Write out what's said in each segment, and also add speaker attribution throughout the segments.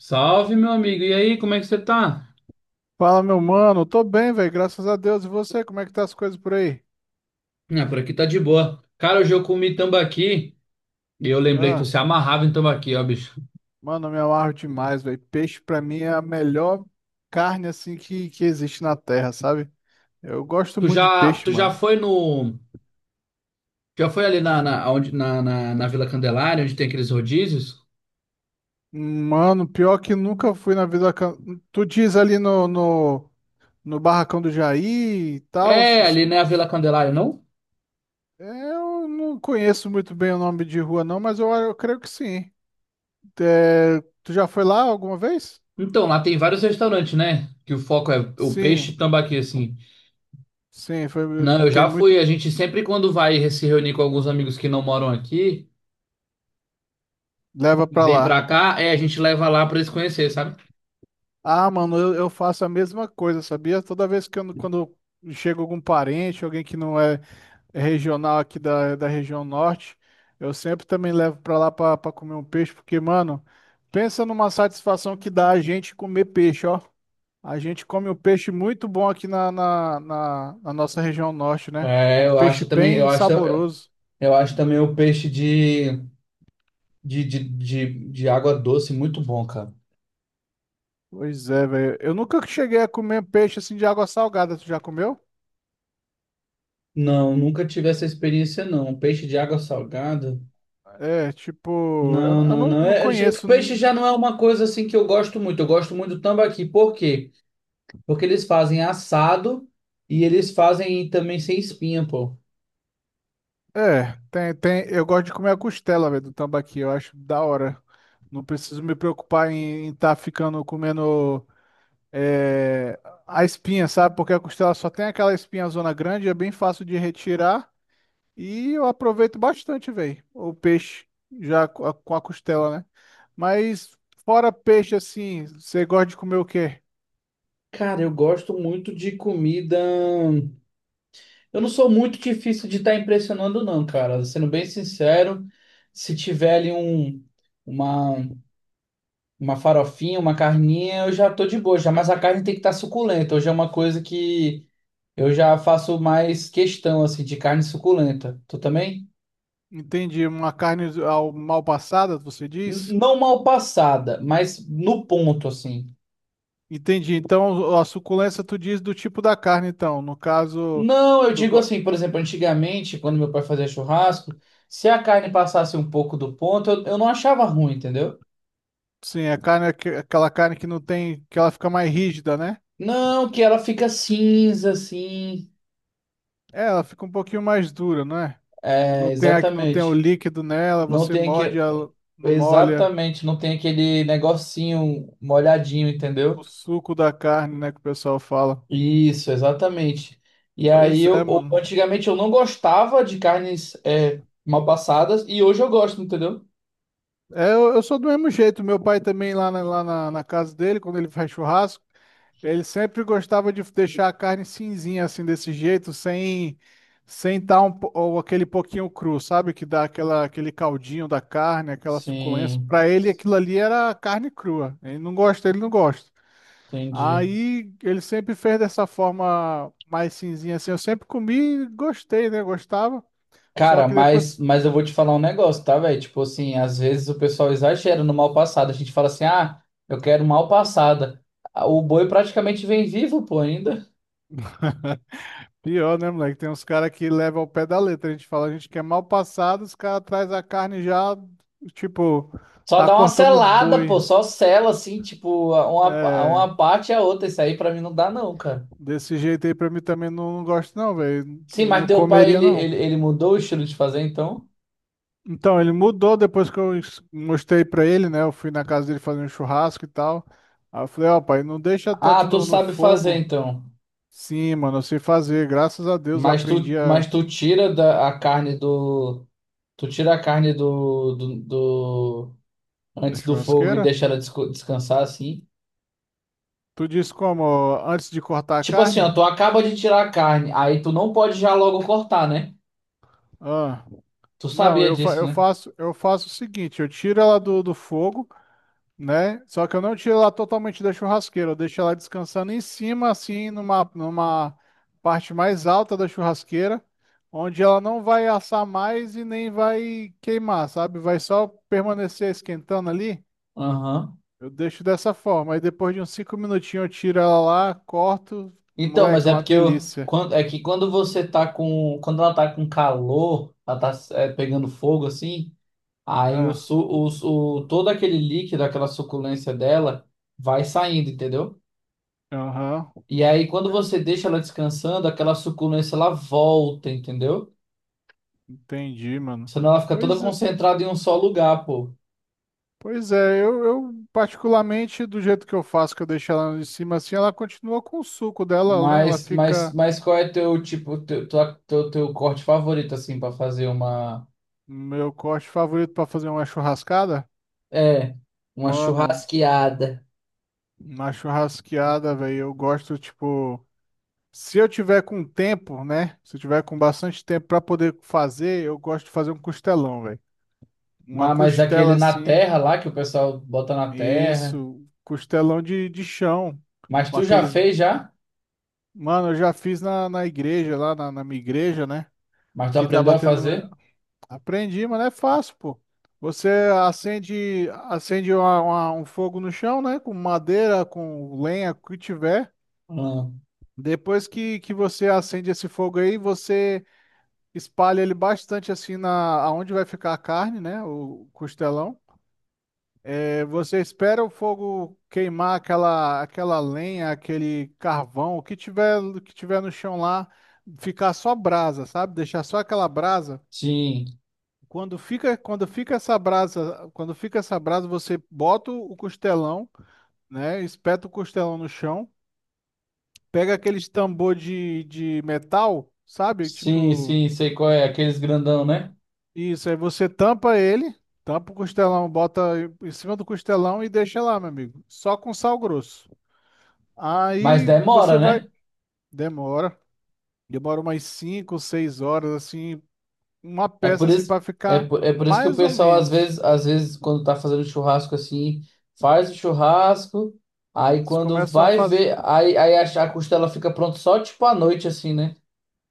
Speaker 1: Salve, meu amigo. E aí, como é que você tá?
Speaker 2: Fala, meu mano. Tô bem, velho. Graças a Deus. E você, como é que tá as coisas por aí?
Speaker 1: Ah, por aqui tá de boa. Cara, hoje eu comi tambaqui e eu lembrei que tu
Speaker 2: Ah,
Speaker 1: se amarrava em tambaqui, ó, bicho.
Speaker 2: mano, eu me amarro demais, velho. Peixe pra mim é a melhor carne assim que existe na terra, sabe? Eu gosto
Speaker 1: Tu
Speaker 2: muito de
Speaker 1: já,
Speaker 2: peixe,
Speaker 1: tu já
Speaker 2: mano.
Speaker 1: foi no, já foi ali na Vila Candelária, onde tem aqueles rodízios?
Speaker 2: Mano, pior que nunca fui na vida. Tu diz ali no Barracão do Jair e tal.
Speaker 1: É, ali né, a Vila Candelária, não?
Speaker 2: Eu não conheço muito bem o nome de rua, não, mas eu creio que sim. É, tu já foi lá alguma vez?
Speaker 1: Então, lá tem vários restaurantes, né? Que o foco é o peixe e
Speaker 2: Sim,
Speaker 1: tambaqui, assim.
Speaker 2: sim. Foi,
Speaker 1: Não, eu
Speaker 2: tem
Speaker 1: já fui.
Speaker 2: muito.
Speaker 1: A gente sempre quando vai se reunir com alguns amigos que não moram aqui
Speaker 2: Leva
Speaker 1: e
Speaker 2: pra
Speaker 1: vem pra
Speaker 2: lá.
Speaker 1: cá, é, a gente leva lá pra eles conhecerem, sabe?
Speaker 2: Ah, mano, eu faço a mesma coisa, sabia? Toda vez que eu, quando chega algum parente, alguém que não é regional aqui da região norte, eu sempre também levo pra lá pra comer um peixe, porque, mano, pensa numa satisfação que dá a gente comer peixe, ó. A gente come um peixe muito bom aqui na nossa região norte, né? É
Speaker 1: É,
Speaker 2: um
Speaker 1: eu
Speaker 2: peixe
Speaker 1: acho também, eu
Speaker 2: bem
Speaker 1: acho.
Speaker 2: saboroso.
Speaker 1: Eu acho também o peixe de água doce muito bom, cara.
Speaker 2: Pois é, velho. Eu nunca cheguei a comer peixe assim de água salgada. Tu já comeu?
Speaker 1: Não, nunca tive essa experiência, não. Um peixe de água salgada?
Speaker 2: É, tipo,
Speaker 1: Não,
Speaker 2: eu
Speaker 1: não,
Speaker 2: não,
Speaker 1: não.
Speaker 2: não conheço.
Speaker 1: Peixe já não é uma coisa assim que eu gosto muito. Eu gosto muito do tambaqui. Por quê? Porque eles fazem assado e eles fazem também sem espinha, pô.
Speaker 2: É, tem, tem, eu gosto de comer a costela, velho, do tambaqui, eu acho da hora. Não preciso me preocupar em estar ficando comendo é, a espinha, sabe? Porque a costela só tem aquela espinha zona grande, é bem fácil de retirar e eu aproveito bastante, velho, o peixe já com a costela, né? Mas fora peixe, assim, você gosta de comer o quê?
Speaker 1: Cara, eu gosto muito de comida. Eu não sou muito difícil de estar impressionando, não, cara. Sendo bem sincero, se tiver ali um. Uma, Uma farofinha, uma carninha, eu já tô de boa já, mas a carne tem que estar suculenta. Hoje é uma coisa que eu já faço mais questão assim de carne suculenta. Tu também?
Speaker 2: Entende uma mal passada, você diz?
Speaker 1: Não mal passada, mas no ponto assim.
Speaker 2: Entendi. Então, a suculência tu diz do tipo da carne, então. No caso,
Speaker 1: Não, eu
Speaker 2: tu
Speaker 1: digo
Speaker 2: go-
Speaker 1: assim, por exemplo, antigamente, quando meu pai fazia churrasco, se a carne passasse um pouco do ponto, eu não achava ruim, entendeu?
Speaker 2: sim, a carne é aquela carne que não tem, que ela fica mais rígida, né?
Speaker 1: Não, que ela fica cinza assim.
Speaker 2: É, ela fica um pouquinho mais dura, não é?
Speaker 1: É,
Speaker 2: Não tem, não tem o
Speaker 1: exatamente.
Speaker 2: líquido nela,
Speaker 1: Não
Speaker 2: você
Speaker 1: tem
Speaker 2: morde,
Speaker 1: que
Speaker 2: ela não molha
Speaker 1: exatamente, não tem aquele negocinho molhadinho,
Speaker 2: o
Speaker 1: entendeu?
Speaker 2: suco da carne, né, que o pessoal fala.
Speaker 1: Isso, exatamente. E aí,
Speaker 2: Pois é, mano.
Speaker 1: antigamente eu não gostava de carnes é, mal passadas e hoje eu gosto, entendeu?
Speaker 2: É, eu sou do mesmo jeito. Meu pai também, lá na casa dele, quando ele faz churrasco, ele sempre gostava de deixar a carne cinzinha, assim, desse jeito, sem estar um, ou aquele pouquinho cru, sabe? Que dá aquela, aquele caldinho da carne, aquela suculência.
Speaker 1: Sim,
Speaker 2: Para ele, aquilo ali era carne crua. Ele não gosta, ele não gosta.
Speaker 1: entendi.
Speaker 2: Aí ele sempre fez dessa forma mais cinzinha, assim. Eu sempre comi e gostei, né? Gostava. Só
Speaker 1: Cara,
Speaker 2: que
Speaker 1: mas,
Speaker 2: depois.
Speaker 1: mas eu vou te falar um negócio, tá, velho? Tipo assim, às vezes o pessoal exagera no mal passado. A gente fala assim, ah, eu quero mal passada. Ah, o boi praticamente vem vivo, pô, ainda.
Speaker 2: Pior, né, moleque? Tem uns caras que levam ao pé da letra. A gente fala, a gente quer mal passado, os caras traz a carne já, tipo,
Speaker 1: Só
Speaker 2: tá
Speaker 1: dá uma
Speaker 2: cortando o
Speaker 1: selada,
Speaker 2: boi.
Speaker 1: pô, só sela assim, tipo,
Speaker 2: É,
Speaker 1: uma parte e a outra. Isso aí pra mim não dá, não, cara.
Speaker 2: desse jeito aí pra mim também não, não gosto não, velho.
Speaker 1: Sim, mas
Speaker 2: Não
Speaker 1: teu pai,
Speaker 2: comeria
Speaker 1: ele,
Speaker 2: não.
Speaker 1: ele, ele mudou o estilo de fazer, então?
Speaker 2: Então, ele mudou depois que mostrei pra ele, né? Eu fui na casa dele fazer um churrasco e tal. Aí eu falei, ó, pai, não deixa
Speaker 1: Ah,
Speaker 2: tanto
Speaker 1: tu
Speaker 2: no
Speaker 1: sabe fazer,
Speaker 2: fogo.
Speaker 1: então.
Speaker 2: Sim, mano, eu sei fazer. Graças a Deus eu
Speaker 1: Mas tu,
Speaker 2: aprendi a
Speaker 1: mas tu tira da, a carne do. Tu tira a carne do
Speaker 2: da
Speaker 1: antes do fogo e
Speaker 2: churrasqueira.
Speaker 1: deixa ela descansar assim.
Speaker 2: Tu disse como? Antes de cortar a
Speaker 1: Tipo assim, ó,
Speaker 2: carne?
Speaker 1: tu acaba de tirar a carne, aí tu não pode já logo cortar, né?
Speaker 2: Ah.
Speaker 1: Tu
Speaker 2: Não,
Speaker 1: sabia
Speaker 2: eu,
Speaker 1: disso, né?
Speaker 2: eu faço o seguinte, eu tiro ela do fogo, né? Só que eu não tiro ela totalmente da churrasqueira, eu deixo ela descansando em cima, assim, numa parte mais alta da churrasqueira, onde ela não vai assar mais e nem vai queimar, sabe? Vai só permanecer esquentando ali.
Speaker 1: Aham.
Speaker 2: Eu deixo dessa forma. Aí depois de uns cinco minutinhos eu tiro ela lá, corto.
Speaker 1: Então, mas
Speaker 2: Moleque,
Speaker 1: é
Speaker 2: uma
Speaker 1: porque eu,
Speaker 2: delícia.
Speaker 1: quando, é que quando você tá com, quando ela tá com calor, ela tá é, pegando fogo assim, aí o,
Speaker 2: Ah,
Speaker 1: su, o- todo aquele líquido, aquela suculência dela vai saindo, entendeu?
Speaker 2: aham.
Speaker 1: E aí quando você deixa ela descansando, aquela suculência ela volta, entendeu?
Speaker 2: Entendi, mano.
Speaker 1: Senão ela fica toda
Speaker 2: Pois é.
Speaker 1: concentrada em um só lugar, pô.
Speaker 2: Pois é, eu particularmente, do jeito que eu faço, que eu deixo ela de cima assim, ela continua com o suco dela, né? Ela
Speaker 1: Mas, mas,
Speaker 2: fica
Speaker 1: mas qual é teu tipo, teu corte favorito assim pra fazer uma,
Speaker 2: meu corte favorito pra fazer uma churrascada.
Speaker 1: é, uma
Speaker 2: Mano,
Speaker 1: churrasqueada?
Speaker 2: uma churrasqueada, velho, eu gosto, tipo, se eu tiver com tempo, né? Se eu tiver com bastante tempo pra poder fazer, eu gosto de fazer um costelão, velho. Uma
Speaker 1: Mas aquele
Speaker 2: costela
Speaker 1: na
Speaker 2: assim,
Speaker 1: terra lá que o pessoal bota na terra.
Speaker 2: isso, costelão de chão,
Speaker 1: Mas
Speaker 2: com
Speaker 1: tu já
Speaker 2: aqueles.
Speaker 1: fez já?
Speaker 2: Mano, eu já fiz na igreja, lá na minha igreja, né?
Speaker 1: Mas tu
Speaker 2: que
Speaker 1: aprendeu
Speaker 2: tava
Speaker 1: a
Speaker 2: tendo.
Speaker 1: fazer?
Speaker 2: Aprendi, mas não é fácil, pô. Você um fogo no chão, né? Com madeira, com lenha, com o que tiver.
Speaker 1: Não.
Speaker 2: Depois que você acende esse fogo aí, você espalha ele bastante assim na aonde vai ficar a carne, né? O costelão. É, você espera o fogo queimar aquela lenha, aquele carvão, o que tiver no chão lá, ficar só brasa, sabe? Deixar só aquela brasa.
Speaker 1: Sim,
Speaker 2: Quando fica essa brasa, você bota o costelão, né? Espeta o costelão no chão, pega aqueles tambor de metal, sabe?
Speaker 1: sim,
Speaker 2: Tipo,
Speaker 1: sim, sei qual é, aqueles grandão, né?
Speaker 2: isso, aí você tampa ele, tampa o costelão, bota em cima do costelão e deixa lá, meu amigo. Só com sal grosso.
Speaker 1: Mas
Speaker 2: Aí
Speaker 1: demora,
Speaker 2: você vai,
Speaker 1: né?
Speaker 2: demora, demora umas 5 6 horas assim, uma
Speaker 1: É
Speaker 2: peça
Speaker 1: por
Speaker 2: assim
Speaker 1: isso,
Speaker 2: para
Speaker 1: é
Speaker 2: ficar
Speaker 1: por, é por isso que o
Speaker 2: mais ou
Speaker 1: pessoal
Speaker 2: menos.
Speaker 1: às vezes quando tá fazendo churrasco assim, faz o churrasco, aí
Speaker 2: Eles
Speaker 1: quando
Speaker 2: começam a
Speaker 1: vai
Speaker 2: fazer
Speaker 1: ver, aí a costela fica pronta só tipo à noite assim, né?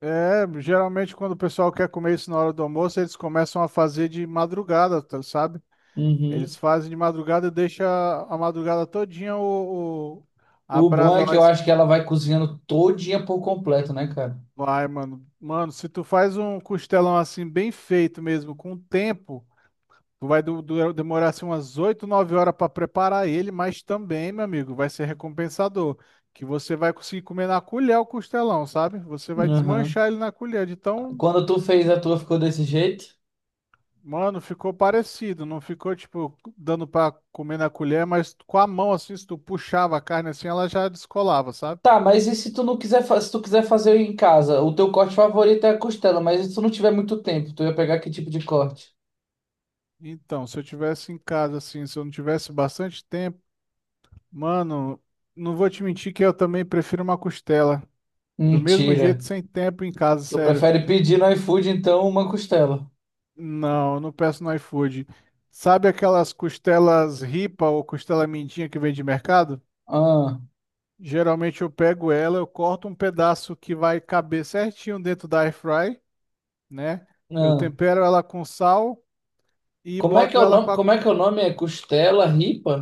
Speaker 2: é, geralmente quando o pessoal quer comer isso na hora do almoço, eles começam a fazer de madrugada, sabe? Eles
Speaker 1: Uhum.
Speaker 2: fazem de madrugada e deixa a madrugada todinha a
Speaker 1: O bom é
Speaker 2: brasa
Speaker 1: que
Speaker 2: lá
Speaker 1: eu acho que
Speaker 2: esquentar.
Speaker 1: ela vai cozinhando todinha por completo, né, cara?
Speaker 2: Vai, mano. Mano, se tu faz um costelão assim bem feito mesmo, com tempo, tu vai demorar assim umas 8, 9 horas pra preparar ele, mas também, meu amigo, vai ser recompensador, que você vai conseguir comer na colher o costelão, sabe? Você vai
Speaker 1: Uhum.
Speaker 2: desmanchar ele na colher de tão
Speaker 1: Quando tu fez a tua, ficou desse jeito?
Speaker 2: Mano, ficou parecido, não ficou tipo dando pra comer na colher, mas com a mão assim, se tu puxava a carne assim, ela já descolava, sabe?
Speaker 1: Tá, mas e se tu não quiser, se tu quiser fazer em casa? O teu corte favorito é a costela, mas se tu não tiver muito tempo, tu ia pegar que tipo de corte?
Speaker 2: Então, se eu tivesse em casa assim, se eu não tivesse bastante tempo, mano, não vou te mentir que eu também prefiro uma costela. Do mesmo
Speaker 1: Mentira.
Speaker 2: jeito, sem tempo em casa,
Speaker 1: Tu
Speaker 2: sério.
Speaker 1: prefere pedir no iFood, então, uma costela.
Speaker 2: Não, eu não peço no iFood. Sabe aquelas costelas ripa ou costela mindinha que vem de mercado?
Speaker 1: Ah,
Speaker 2: Geralmente eu pego ela, eu corto um pedaço que vai caber certinho dentro da airfry, né? Eu
Speaker 1: ah.
Speaker 2: tempero ela com sal e
Speaker 1: Como é que
Speaker 2: boto
Speaker 1: é o
Speaker 2: ela com
Speaker 1: nome?
Speaker 2: a
Speaker 1: Como é que é o nome? É costela ripa?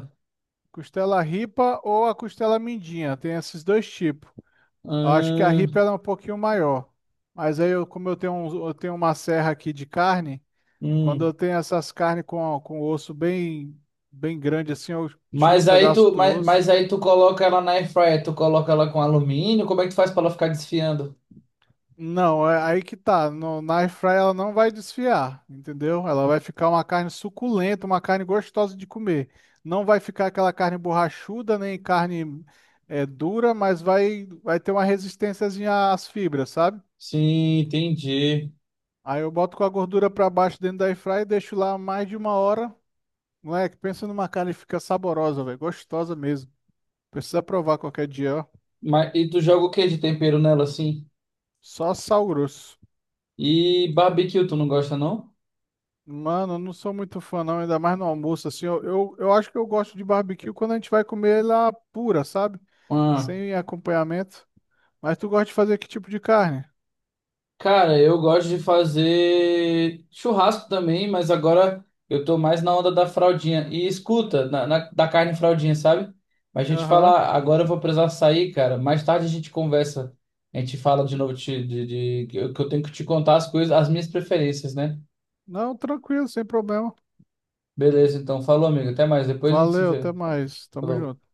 Speaker 2: costela ripa ou a costela mindinha. Tem esses dois tipos. Eu acho que a ripa
Speaker 1: Ah,
Speaker 2: ela é um pouquinho maior. Mas aí, eu, como eu tenho, eu tenho uma serra aqui de carne, quando eu
Speaker 1: hum.
Speaker 2: tenho essas carnes com osso bem grande assim, eu tiro um
Speaker 1: Mas aí
Speaker 2: pedaço
Speaker 1: tu,
Speaker 2: do
Speaker 1: mas, mas
Speaker 2: osso.
Speaker 1: aí tu coloca ela na airfryer, tu coloca ela com alumínio, como é que tu faz pra ela ficar desfiando?
Speaker 2: Não, é aí que tá. No, Na air fry ela não vai desfiar, entendeu? Ela vai ficar uma carne suculenta, uma carne gostosa de comer. Não vai ficar aquela carne borrachuda, nem carne é, dura, mas vai ter uma resistênciazinha às fibras, sabe?
Speaker 1: Sim, entendi.
Speaker 2: Aí eu boto com a gordura pra baixo dentro da air fry e deixo lá mais de uma hora. Moleque, pensa numa carne que fica saborosa, velho, gostosa mesmo. Precisa provar qualquer dia, ó.
Speaker 1: Mas, e tu joga o que de tempero nela assim?
Speaker 2: Só sal grosso.
Speaker 1: E barbecue, tu não gosta não?
Speaker 2: Mano, eu não sou muito fã, não, ainda mais no almoço, assim. Eu acho que eu gosto de barbecue quando a gente vai comer ela pura, sabe?
Speaker 1: Ah,
Speaker 2: Sem acompanhamento. Mas tu gosta de fazer que tipo de carne?
Speaker 1: cara, eu gosto de fazer churrasco também, mas agora eu tô mais na onda da fraldinha. E escuta, da carne fraldinha, sabe? Mas a gente
Speaker 2: Aham.
Speaker 1: fala, agora eu vou precisar sair, cara. Mais tarde a gente conversa. A gente fala de novo de que eu tenho que te contar as coisas, as minhas preferências, né?
Speaker 2: Não, tranquilo, sem problema.
Speaker 1: Beleza, então. Falou, amigo. Até mais. Depois a gente se
Speaker 2: Valeu,
Speaker 1: vê.
Speaker 2: até mais. Tamo
Speaker 1: Falou.
Speaker 2: junto.